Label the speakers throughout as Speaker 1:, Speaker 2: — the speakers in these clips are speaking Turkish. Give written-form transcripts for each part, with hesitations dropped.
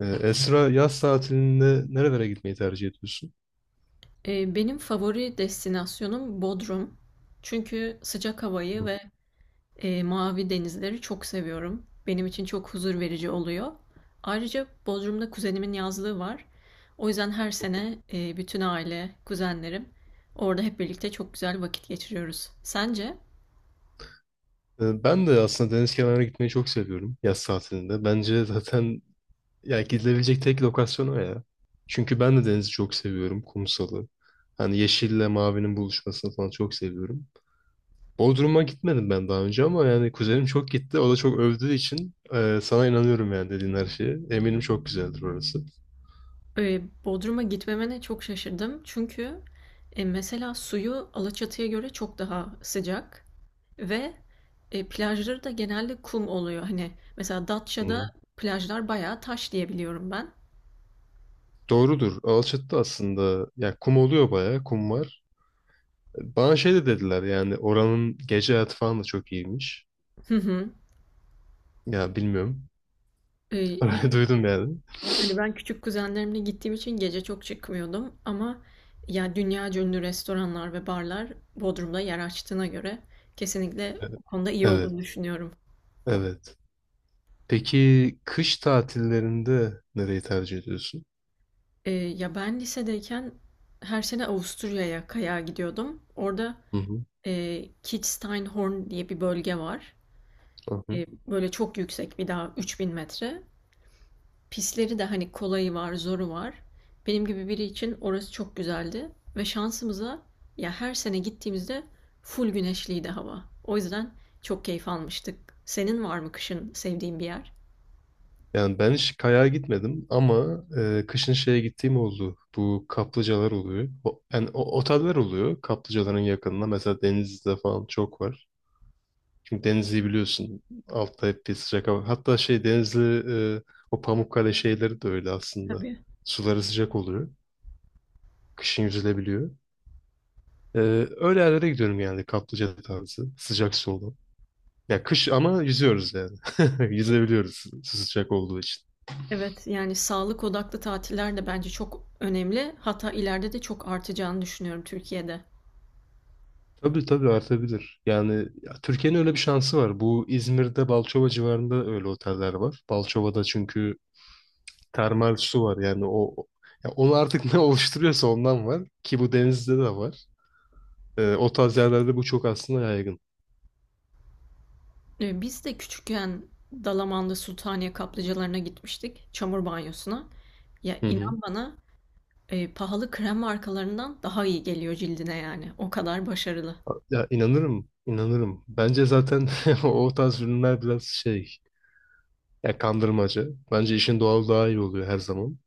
Speaker 1: Esra, yaz tatilinde nerelere gitmeyi tercih ediyorsun?
Speaker 2: Benim favori destinasyonum Bodrum. Çünkü sıcak havayı
Speaker 1: Hı.
Speaker 2: ve mavi denizleri çok seviyorum. Benim için çok huzur verici oluyor. Ayrıca Bodrum'da kuzenimin yazlığı var. O yüzden her sene bütün aile, kuzenlerim orada hep birlikte çok güzel vakit geçiriyoruz. Sence?
Speaker 1: Ben de aslında deniz kenarına gitmeyi çok seviyorum yaz tatilinde. Bence zaten ya gidilebilecek tek lokasyon o ya. Çünkü ben de denizi çok seviyorum, kumsalı. Hani yeşille mavinin buluşmasını falan çok seviyorum. Bodrum'a gitmedim ben daha önce ama yani kuzenim çok gitti. O da çok övdüğü için sana inanıyorum yani dediğin her şeye. Eminim çok güzeldir orası.
Speaker 2: Bodrum'a gitmemene çok şaşırdım. Çünkü mesela suyu Alaçatı'ya göre çok daha sıcak. Ve plajları da genelde kum oluyor. Hani mesela
Speaker 1: Hı
Speaker 2: Datça'da
Speaker 1: hı.
Speaker 2: plajlar bayağı taş diye biliyorum ben.
Speaker 1: Doğrudur. Alçattı aslında. Ya kum oluyor bayağı. Kum var. Bana şey de dediler yani oranın gece hayatı falan da çok iyiymiş.
Speaker 2: Hı hı.
Speaker 1: Ya bilmiyorum.
Speaker 2: E,
Speaker 1: Öyle
Speaker 2: Yani
Speaker 1: duydum yani.
Speaker 2: hani ben küçük kuzenlerimle gittiğim için gece çok çıkmıyordum ama ya dünya ünlü restoranlar ve barlar Bodrum'da yer açtığına göre kesinlikle
Speaker 1: Evet,
Speaker 2: o konuda iyi olduğunu
Speaker 1: evet.
Speaker 2: düşünüyorum.
Speaker 1: Evet. Peki kış tatillerinde nereyi tercih ediyorsun?
Speaker 2: Ya ben lisedeyken her sene Avusturya'ya kayağa gidiyordum. Orada
Speaker 1: Hı hı,
Speaker 2: Kitzsteinhorn diye bir bölge var.
Speaker 1: hı hı.
Speaker 2: Böyle çok yüksek bir dağ, 3.000 metre. Pisleri de hani kolayı var, zoru var. Benim gibi biri için orası çok güzeldi ve şansımıza ya her sene gittiğimizde full güneşliydi hava. O yüzden çok keyif almıştık. Senin var mı kışın sevdiğin bir yer?
Speaker 1: Yani ben hiç kayağa gitmedim ama kışın şeye gittiğim oldu. Bu kaplıcalar oluyor. O, yani o, oteller oluyor kaplıcaların yakınında. Mesela Denizli'de falan çok var. Çünkü Denizli'yi biliyorsun. Altta hep bir sıcak hava. Hatta şey Denizli e, o Pamukkale şeyleri de öyle aslında.
Speaker 2: Tabii.
Speaker 1: Suları sıcak oluyor. Kışın yüzülebiliyor. E, öyle yerlere gidiyorum yani kaplıca tarzı. Sıcak su olan. Ya kış ama yüzüyoruz yani. Yüzebiliyoruz sıcak olduğu için.
Speaker 2: Evet, yani sağlık odaklı tatiller de bence çok önemli. Hatta ileride de çok artacağını düşünüyorum Türkiye'de.
Speaker 1: Tabii tabii artabilir. Yani ya Türkiye'nin öyle bir şansı var. Bu İzmir'de Balçova civarında öyle oteller var. Balçova'da çünkü termal su var. Yani o ya onu artık ne oluşturuyorsa ondan var. Ki bu denizde de var. O tarz yerlerde bu çok aslında yaygın.
Speaker 2: Biz de küçükken Dalaman'da Sultaniye kaplıcalarına gitmiştik. Çamur banyosuna. Ya
Speaker 1: Hı hı.
Speaker 2: inan bana pahalı krem markalarından daha iyi geliyor cildine yani. O kadar başarılı.
Speaker 1: Ya inanırım, inanırım. Bence zaten o tarz ürünler biraz şey, ya kandırmaca. Bence işin doğal daha iyi oluyor her zaman.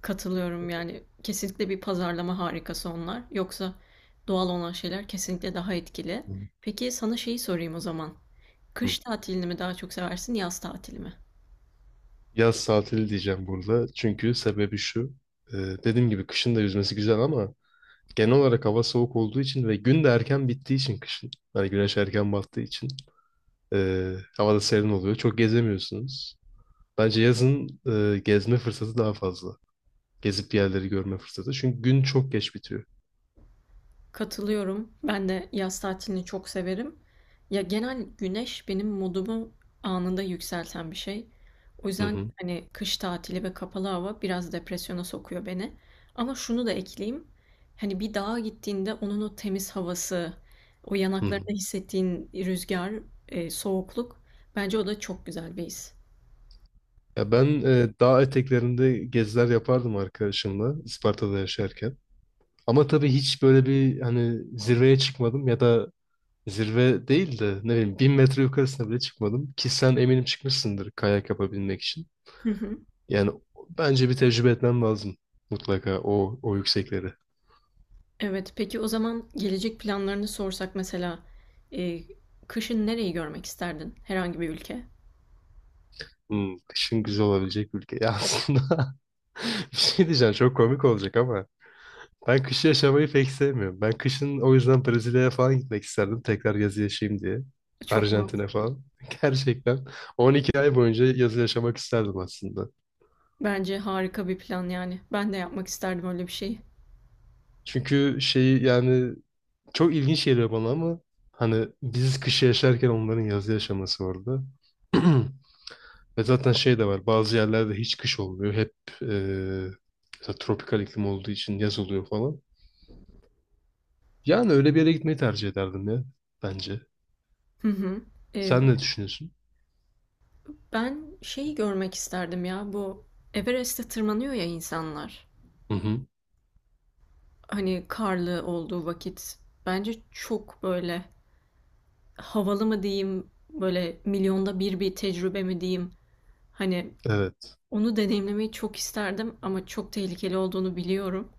Speaker 2: Katılıyorum yani. Kesinlikle bir pazarlama harikası onlar. Yoksa doğal olan şeyler kesinlikle daha etkili.
Speaker 1: Hı.
Speaker 2: Peki sana şeyi sorayım o zaman.
Speaker 1: Hı.
Speaker 2: Kış tatilini mi daha çok seversin, yaz tatilini mi?
Speaker 1: Yaz tatili diyeceğim burada. Çünkü sebebi şu. e, dediğim gibi kışın da yüzmesi güzel ama genel olarak hava soğuk olduğu için ve gün de erken bittiği için kışın. Hani güneş erken battığı için e, hava da serin oluyor. Çok gezemiyorsunuz. Bence yazın gezme fırsatı daha fazla. Gezip bir yerleri görme fırsatı. Çünkü gün çok geç bitiyor.
Speaker 2: Katılıyorum. Ben de yaz tatilini çok severim. Ya genel güneş benim modumu anında yükselten bir şey. O
Speaker 1: Hı
Speaker 2: yüzden
Speaker 1: hı.
Speaker 2: hani kış tatili ve kapalı hava biraz depresyona sokuyor beni. Ama şunu da ekleyeyim. Hani bir dağa gittiğinde onun o temiz havası, o
Speaker 1: Hı hı.
Speaker 2: yanaklarında hissettiğin rüzgar, soğukluk, bence o da çok güzel bir his.
Speaker 1: Ya ben dağ eteklerinde geziler yapardım arkadaşımla Isparta'da yaşarken. Ama tabii hiç böyle bir hani zirveye çıkmadım ya da zirve değil de ne bileyim 1.000 metre yukarısına bile çıkmadım. Ki sen eminim çıkmışsındır kayak yapabilmek için.
Speaker 2: Hı hı.
Speaker 1: Yani bence bir tecrübe etmem lazım mutlaka o yüksekleri.
Speaker 2: Evet, peki o zaman gelecek planlarını sorsak mesela e, kışın nereyi görmek isterdin? Herhangi bir ülke?
Speaker 1: Hmm, kışın güzel olabilecek bir ülke. Ya aslında bir şey diyeceğim çok komik olacak ama ben kışı yaşamayı pek sevmiyorum. Ben kışın o yüzden Brezilya'ya falan gitmek isterdim. Tekrar yazı yaşayayım diye.
Speaker 2: Çok
Speaker 1: Arjantin'e
Speaker 2: mantıklı.
Speaker 1: falan. Gerçekten 12 ay boyunca yazı yaşamak isterdim aslında.
Speaker 2: Bence harika bir plan yani. Ben de yapmak isterdim öyle bir şeyi.
Speaker 1: Çünkü şeyi yani çok ilginç geliyor bana ama hani biz kışı yaşarken onların yazı yaşaması orada. Ve zaten şey de var. Bazı yerlerde hiç kış olmuyor. Hep e, mesela tropikal iklim olduğu için yaz oluyor falan. Yani öyle bir yere gitmeyi tercih ederdim ya bence.
Speaker 2: Hı hı. Ee,
Speaker 1: Sen ne düşünüyorsun?
Speaker 2: ben şeyi görmek isterdim ya. Bu Everest'e tırmanıyor ya insanlar.
Speaker 1: Hı hı.
Speaker 2: Hani karlı olduğu vakit. Bence çok böyle havalı mı diyeyim, böyle milyonda bir bir tecrübe mi diyeyim. Hani
Speaker 1: Evet.
Speaker 2: onu deneyimlemeyi çok isterdim ama çok tehlikeli olduğunu biliyorum.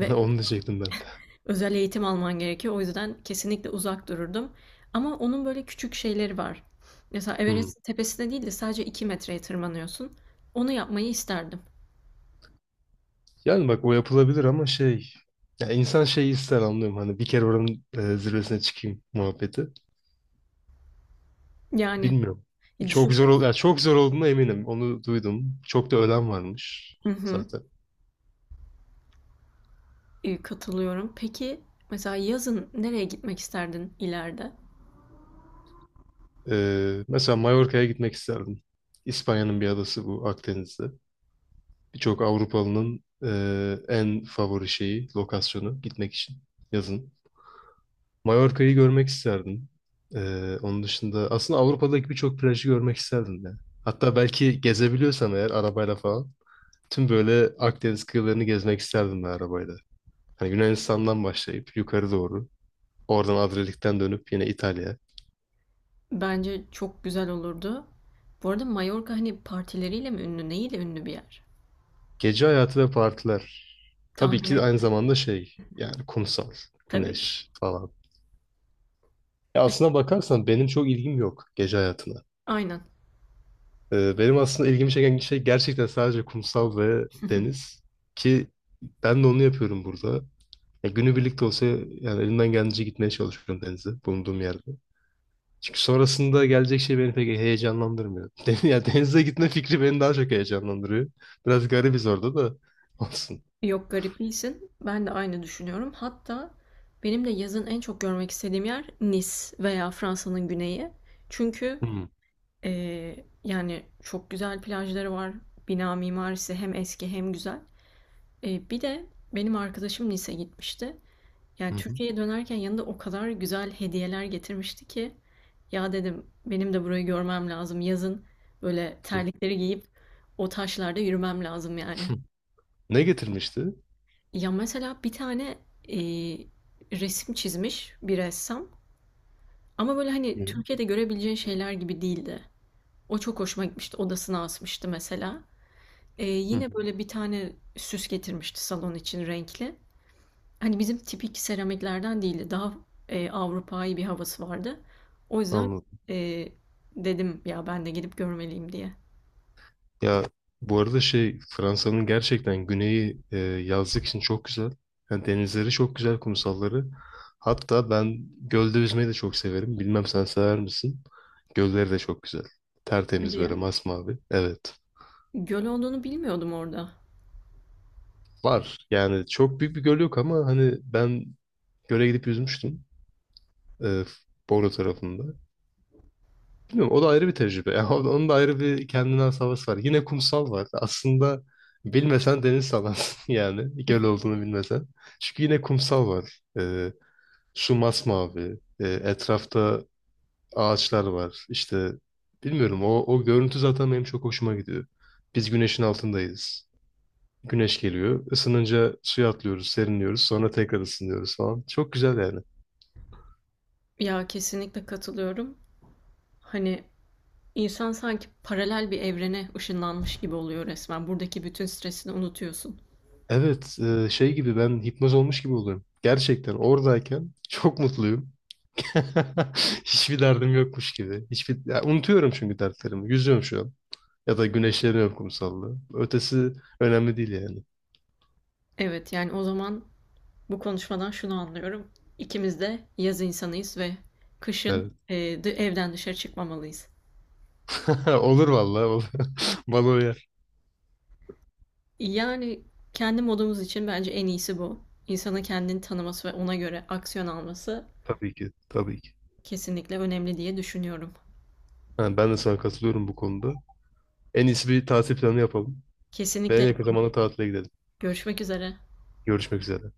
Speaker 1: Onu diyecektim ben de.
Speaker 2: özel eğitim alman gerekiyor. O yüzden kesinlikle uzak dururdum. Ama onun böyle küçük şeyleri var. Mesela
Speaker 1: Hmm.
Speaker 2: Everest'in tepesine değil de sadece 2 metreye tırmanıyorsun. Onu yapmayı isterdim.
Speaker 1: Yani bak o yapılabilir ama şey... Ya insan şeyi ister anlıyorum. Hani bir kere oranın zirvesine çıkayım muhabbeti.
Speaker 2: Yani
Speaker 1: Bilmiyorum. Çok zor ol
Speaker 2: düşünsene.
Speaker 1: ya çok zor olduğuna eminim. Onu duydum. Çok da ölen varmış
Speaker 2: Hı hı,
Speaker 1: zaten.
Speaker 2: Katılıyorum. Peki mesela yazın nereye gitmek isterdin ileride?
Speaker 1: Mesela Mallorca'ya gitmek isterdim. İspanya'nın bir adası bu Akdeniz'de. Birçok Avrupalı'nın en favori şeyi, lokasyonu gitmek için yazın. Mallorca'yı görmek isterdim. Onun dışında aslında Avrupa'daki birçok plajı görmek isterdim ya. Hatta belki gezebiliyorsam eğer arabayla falan tüm böyle Akdeniz kıyılarını gezmek isterdim ben arabayla. Hani Yunanistan'dan başlayıp yukarı doğru, oradan Adriyatik'ten dönüp yine İtalya.
Speaker 2: Bence çok güzel olurdu. Bu arada Mallorca hani partileriyle mi ünlü, neyle ünlü bir yer?
Speaker 1: Gece hayatı ve partiler. Tabii
Speaker 2: Tahmin
Speaker 1: ki aynı
Speaker 2: ettim
Speaker 1: zamanda şey yani kumsal,
Speaker 2: tabii ki.
Speaker 1: güneş falan. Ya aslına bakarsan benim çok ilgim yok gece hayatına.
Speaker 2: Aynen.
Speaker 1: Benim aslında ilgimi çeken şey gerçekten sadece kumsal ve deniz ki ben de onu yapıyorum burada. Ya günü birlikte olsa yani elimden geldiğince gitmeye çalışıyorum denize bulunduğum yerde. Çünkü sonrasında gelecek şey beni pek heyecanlandırmıyor. Ya denize gitme fikri beni daha çok heyecanlandırıyor. Biraz garibiz orada da olsun.
Speaker 2: Yok garip değilsin. Ben de aynı düşünüyorum. Hatta benim de yazın en çok görmek istediğim yer Nice veya Fransa'nın güneyi. Çünkü
Speaker 1: Hı hı.
Speaker 2: yani çok güzel plajları var. Bina mimarisi hem eski hem güzel. Bir de benim arkadaşım Nice'e gitmişti. Yani
Speaker 1: Hı hı.
Speaker 2: Türkiye'ye dönerken yanında o kadar güzel hediyeler getirmişti ki ya dedim benim de burayı görmem lazım. Yazın böyle terlikleri giyip o taşlarda yürümem lazım yani.
Speaker 1: Hı. Ne getirmişti?
Speaker 2: Ya mesela bir tane e, resim çizmiş bir ressam ama böyle
Speaker 1: Hı.
Speaker 2: hani
Speaker 1: Hı.
Speaker 2: Türkiye'de görebileceğin şeyler gibi değildi. O çok hoşuma gitmişti. Odasına asmıştı mesela.
Speaker 1: Hı hı.
Speaker 2: Yine böyle bir tane süs getirmişti salon için renkli. Hani bizim tipik seramiklerden değildi. Daha Avrupa'yı bir havası vardı. O yüzden
Speaker 1: Anladım.
Speaker 2: e, dedim ya ben de gidip görmeliyim diye.
Speaker 1: Ya bu arada şey Fransa'nın gerçekten güneyi yazlık için çok güzel. Yani denizleri çok güzel, kumsalları. Hatta ben gölde yüzmeyi de çok severim. Bilmem sen sever misin? Gölleri de çok güzel.
Speaker 2: Hadi
Speaker 1: Tertemiz
Speaker 2: ya.
Speaker 1: böyle masmavi. Evet.
Speaker 2: Göl olduğunu bilmiyordum orada.
Speaker 1: Var. Yani çok büyük bir göl yok ama hani ben göle gidip yüzmüştüm. E, Bolu tarafında. Bilmiyorum, o da ayrı bir tecrübe. Yani onun da ayrı bir kendine has havası var. Yine kumsal var. Aslında bilmesen deniz sanarsın yani. Göl olduğunu bilmesen. Çünkü yine kumsal var. Su masmavi. Etrafta ağaçlar var. İşte bilmiyorum o görüntü zaten benim çok hoşuma gidiyor. Biz güneşin altındayız. Güneş geliyor. Isınınca suya atlıyoruz, serinliyoruz. Sonra tekrar ısınıyoruz falan. Çok güzel yani.
Speaker 2: Ya kesinlikle katılıyorum. Hani İnsan sanki paralel bir evrene ışınlanmış gibi oluyor resmen. Buradaki bütün stresini unutuyorsun.
Speaker 1: Evet, şey gibi ben hipnoz olmuş gibi oluyorum. Gerçekten oradayken çok mutluyum. Hiçbir derdim yokmuş gibi. Hiçbir ya unutuyorum çünkü dertlerimi. Yüzüyorum şu an. Ya da güneşleniyorum kumsalda. Ötesi önemli değil yani.
Speaker 2: Evet, yani o zaman bu konuşmadan şunu anlıyorum. İkimiz de yaz insanıyız ve kışın
Speaker 1: Evet.
Speaker 2: evden dışarı çıkmamalıyız.
Speaker 1: Olur vallahi olur. Bana uyar.
Speaker 2: Yani kendi modumuz için bence en iyisi bu. İnsanın kendini tanıması ve ona göre aksiyon alması
Speaker 1: Tabii ki. Tabii ki.
Speaker 2: kesinlikle önemli diye düşünüyorum.
Speaker 1: Ha, ben de sana katılıyorum bu konuda. En iyisi bir tatil planı yapalım. Ve en
Speaker 2: Kesinlikle.
Speaker 1: yakın zamanda tatile gidelim.
Speaker 2: Görüşmek üzere.
Speaker 1: Görüşmek üzere.